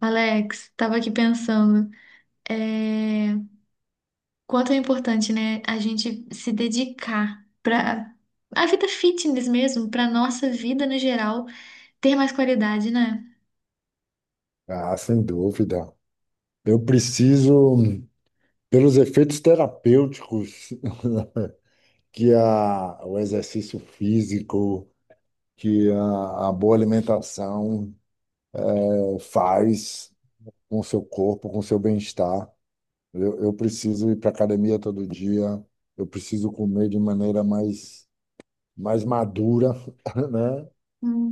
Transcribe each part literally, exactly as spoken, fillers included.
Alex, tava aqui pensando, é, quanto é importante, né, a gente se dedicar para a vida fitness mesmo, para nossa vida no geral ter mais qualidade, né? Ah, sem dúvida. Eu preciso, pelos efeitos terapêuticos que a, o exercício físico, que a, a boa alimentação eh, faz com o seu corpo, com o seu bem-estar. Eu, eu preciso ir para academia todo dia, eu preciso comer de maneira mais, mais madura, né?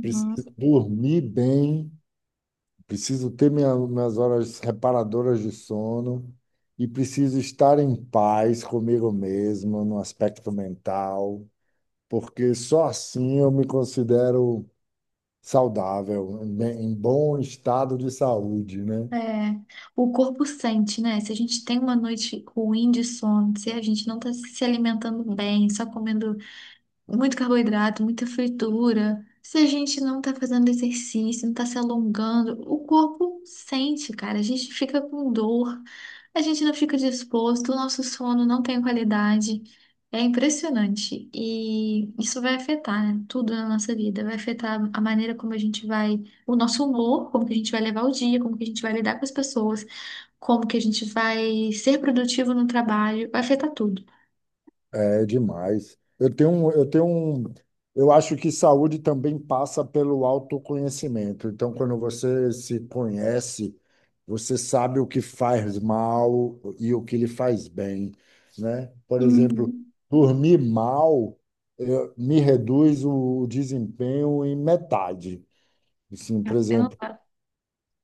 Preciso dormir bem. Preciso ter minha- minhas horas reparadoras de sono e preciso estar em paz comigo mesmo, no aspecto mental, porque só assim eu me considero saudável, em bem- em bom estado de saúde, né? É, o corpo sente, né? Se a gente tem uma noite ruim de sono, se a gente não tá se alimentando bem, só comendo muito carboidrato, muita fritura. Se a gente não tá fazendo exercício, não tá se alongando, o corpo sente, cara. A gente fica com dor, a gente não fica disposto, o nosso sono não tem qualidade. É impressionante. E isso vai afetar, né, tudo na nossa vida. Vai afetar a maneira como a gente vai, o nosso humor, como que a gente vai levar o dia, como que a gente vai lidar com as pessoas, como que a gente vai ser produtivo no trabalho. Vai afetar tudo. É demais. Eu tenho, um- eu tenho, um- eu acho que saúde também passa pelo autoconhecimento. Então, quando você se conhece, você sabe o que faz mal e o que lhe faz bem, né? Por exemplo, Uhum. dormir mal, eu- me reduz o desempenho em metade. Assim, por É exemplo, uma-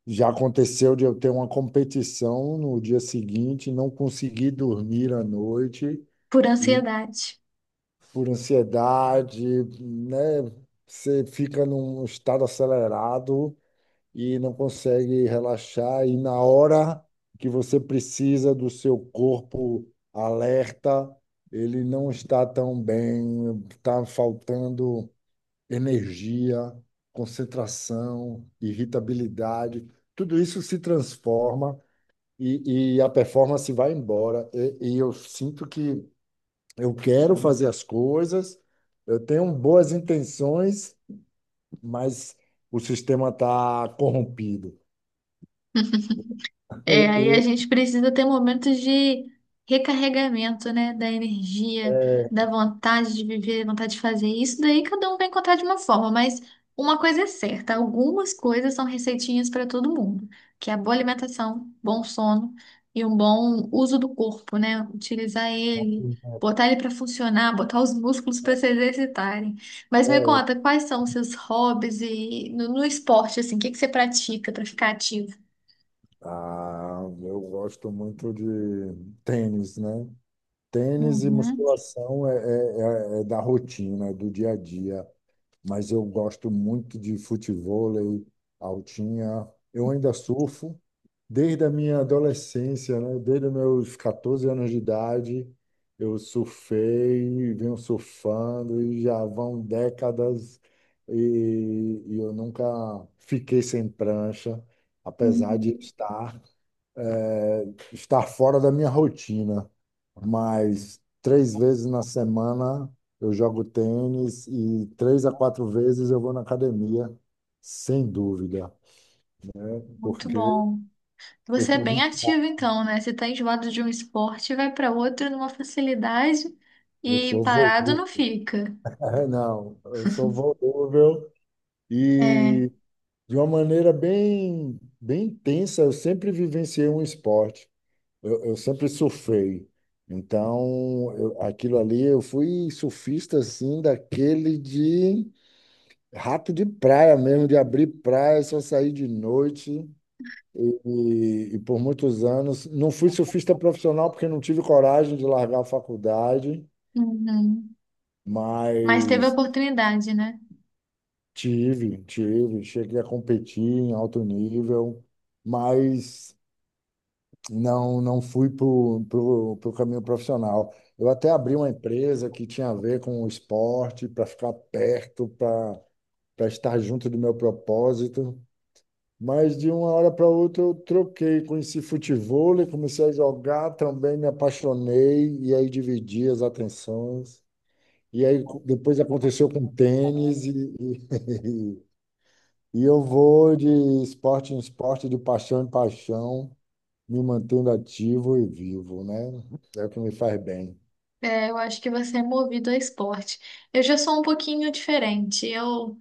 já aconteceu de eu ter uma competição no dia seguinte, não conseguir dormir à noite Por ansiedade. por ansiedade, né? Você fica num estado acelerado e não consegue relaxar, e na hora que você precisa do seu corpo alerta, ele não está tão bem, está faltando energia, concentração, irritabilidade. Tudo isso se transforma e, e a performance vai embora. e e eu sinto que eu quero fazer as coisas, eu tenho boas intenções, mas o sistema está corrompido. É, Eu, aí a eu- gente precisa ter momentos de recarregamento, né? Da energia, da vontade de viver, vontade de fazer isso. Daí cada um vai encontrar de uma forma, mas uma coisa é certa: algumas coisas são receitinhas para todo mundo, que é a boa alimentação, bom sono e um bom uso do corpo, né? Utilizar ele, botar ele para funcionar, botar os músculos para se exercitarem. Mas me conta, quais são os seus hobbies e no, no esporte, assim, o que que você pratica para ficar ativo? ah, eu gosto muito de tênis, né? Tênis e Uhum. musculação é, é, é é da rotina, é do dia a dia. Mas eu gosto muito de futevôlei, altinha. Eu ainda surfo desde a minha adolescência, né? Desde os meus quatorze anos de idade, eu surfei, venho surfando e já vão décadas e, e eu nunca fiquei sem prancha, apesar de Uhum. estar é, estar fora da minha rotina, mas três vezes na semana eu jogo tênis e três a quatro vezes eu vou na academia, sem dúvida, Muito porque bom. eu Você é sou bem viciado, ativo então, né? Você tá enjoado de um esporte, vai para outro numa facilidade eu e sou parado volúvel. não fica. É, não, eu sou volúvel É. e de uma maneira bem, bem intensa, eu sempre vivenciei um esporte. Eu, eu sempre surfei. Então, eu- aquilo ali, eu fui surfista assim, daquele de rato de praia mesmo, de abrir praia, só sair de noite. E, e- e por muitos anos, não fui surfista profissional porque não tive coragem de largar a faculdade, Uhum. Mas teve mas oportunidade, né? tive, tive, cheguei a competir em alto nível, mas não não fui para o pro, pro caminho profissional. Eu até abri uma empresa que tinha a ver com o esporte, para ficar perto, para para estar junto do meu propósito. Mas de uma hora para outra eu troquei, conheci futevôlei, comecei a jogar também, me apaixonei, e aí dividi as atenções. E aí co- depois aconteceu com tênis, e, e, e eu vou de esporte em esporte, de paixão em paixão, me mantendo ativo e vivo, né? É o que me faz bem. É, eu acho que você é movido a esporte. Eu já sou um pouquinho diferente. Eu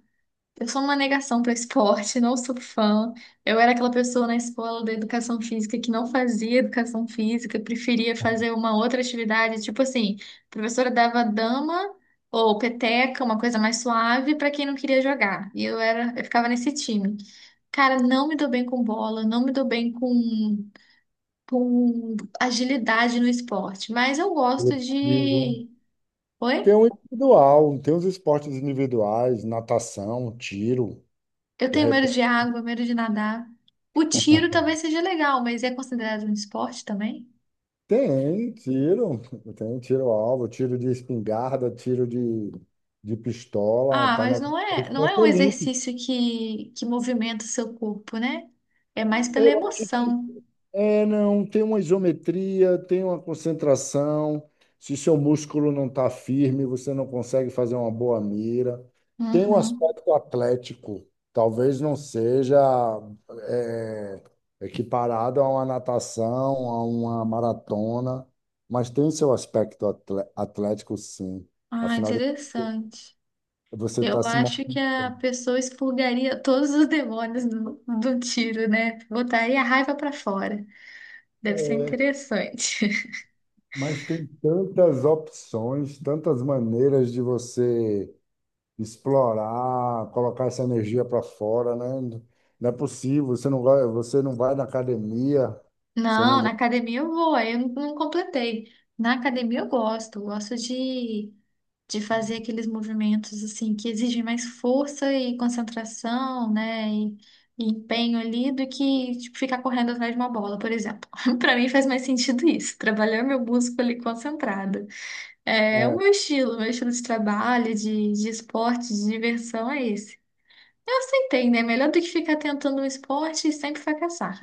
Eu sou uma negação para esporte, não sou fã. Eu era aquela pessoa na escola da educação física que não fazia educação física, preferia fazer uma outra atividade, tipo assim, a professora dava dama ou peteca, uma coisa mais suave para quem não queria jogar. E eu era, eu ficava nesse time. Cara, não me dou bem com bola, não me dou bem com com agilidade no esporte, mas eu gosto Coletivo. de Tem Oi? um individual, tem os esportes individuais, natação, tiro, Eu de tenho medo repente. de água, medo de nadar. O tiro talvez seja legal, mas é considerado um esporte também? Tem tiro, tem tiro-alvo, tiro de espingarda, tiro de, de pistola, Ah, tá na mas no não é, não é esporte um olímpico. exercício que, que movimenta o seu corpo, né? É mais pela Eu acho que emoção. É, não, tem uma isometria, tem uma concentração. Se seu músculo não está firme, você não consegue fazer uma boa mira. Tem um Uhum. aspecto atlético, talvez não seja é, equiparado a uma natação, a uma maratona, mas tem seu aspecto atle- atlético, sim. Ah, Afinal, de- interessante. você está Eu se mo- acho que a pessoa expurgaria todos os demônios do, do tiro, né? Botaria a raiva pra fora. Deve ser é, interessante. mas tem tantas opções, tantas maneiras de você explorar, colocar essa energia para fora, né? Não é possível, você não vai, você não vai na academia, você não Não, na go- academia eu vou, aí eu não, não completei. Na academia eu gosto, eu gosto de, de fazer aqueles movimentos assim que exigem mais força e concentração, né? E, e empenho ali do que tipo, ficar correndo atrás de uma bola, por exemplo. Pra mim faz mais sentido isso, trabalhar meu músculo ali concentrado. É o meu estilo, meu estilo de trabalho, de, de esporte, de diversão é esse. Eu aceitei, né? Melhor do que ficar tentando um esporte e sempre fracassar.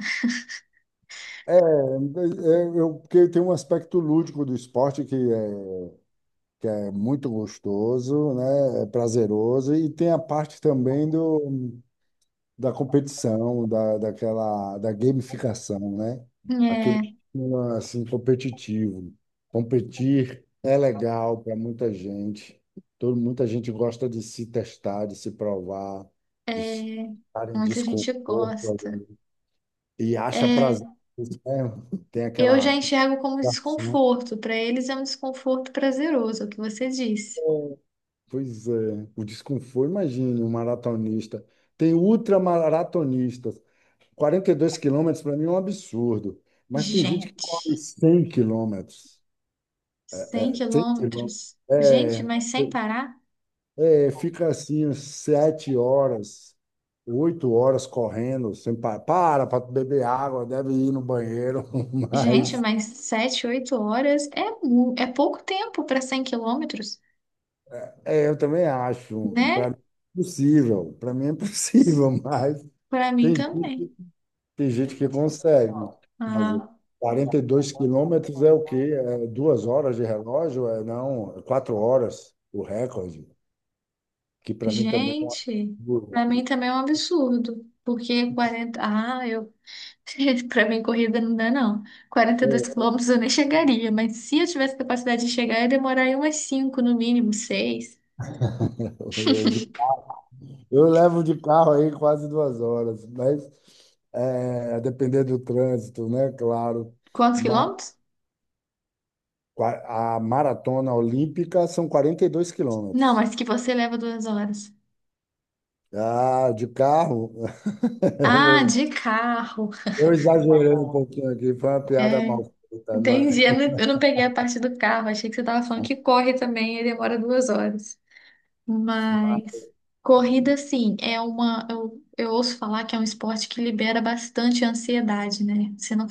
É, é, é, eu, porque tem um aspecto lúdico do esporte que é, que é muito gostoso, né? É prazeroso, e tem a parte também do da competição, da, daquela, da gamificação, né? Aquele É, clima, assim, competitivo. Competir é legal para muita gente. Todo, muita gente gosta de se testar, de se provar, de É, estar em muita gente desconforto gosta. ali, e acha prazer É, nisso, né? Tem eu já aquela enxergo como ação. desconforto. Para eles é um desconforto prazeroso, é o que você disse. Pois é, o desconforto, imagine um maratonista. Tem ultramaratonistas. Quarenta e dois quilômetros para mim é um absurdo, mas tem gente que Gente, corre cem quilômetros. cem Cem quilômetros. quilômetros. Gente, É, mas sem parar? é, fica assim, uns sete horas, oito horas correndo, sem pa- para para beber água, deve ir no banheiro, Gente, mas mas sete oito horas é, mu- é pouco tempo para cem quilômetros, é, eu também acho, para né? mim é possível, para mim é possível, mas Para mim tem gente também. tem gente que consegue fazer. Ah, Quarenta e dois quilômetros é o quê? É duas horas de relógio? É, não, é quatro horas o recorde, que para mim também é um gente, absurdo. para mim também é um absurdo. Porque quarenta Ah, eu Pra mim, corrida não dá, não. quarenta e dois É, quilômetros eu nem chegaria, mas se eu tivesse capacidade de chegar, ia demorar aí umas cinco no mínimo, seis Eu, de- eu levo de carro aí quase duas horas, mas é, a depender do trânsito, né? Claro. Quantos Mas quilômetros? qua- a maratona olímpica são quarenta e dois Não, quilômetros. mas que você leva duas horas. Ah, de carro, Ah, eu, de carro. eu exagerei um pouquinho aqui, foi uma piada É, mal feita. Mas entendi. Eu não, eu não peguei a parte do carro. Achei que você tava falando que corre também e demora duas horas. Mas corrida, sim, é uma. Eu, eu ouço falar que é um esporte que libera bastante ansiedade, né? Você não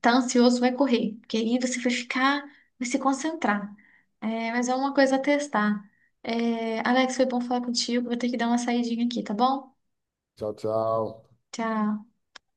tá ansioso, vai correr, porque aí você vai ficar, vai se concentrar. É, mas é uma coisa a testar. É, Alex, foi bom falar contigo. Vou ter que dar uma saidinha aqui, tá bom? tchau, tchau. Tchau.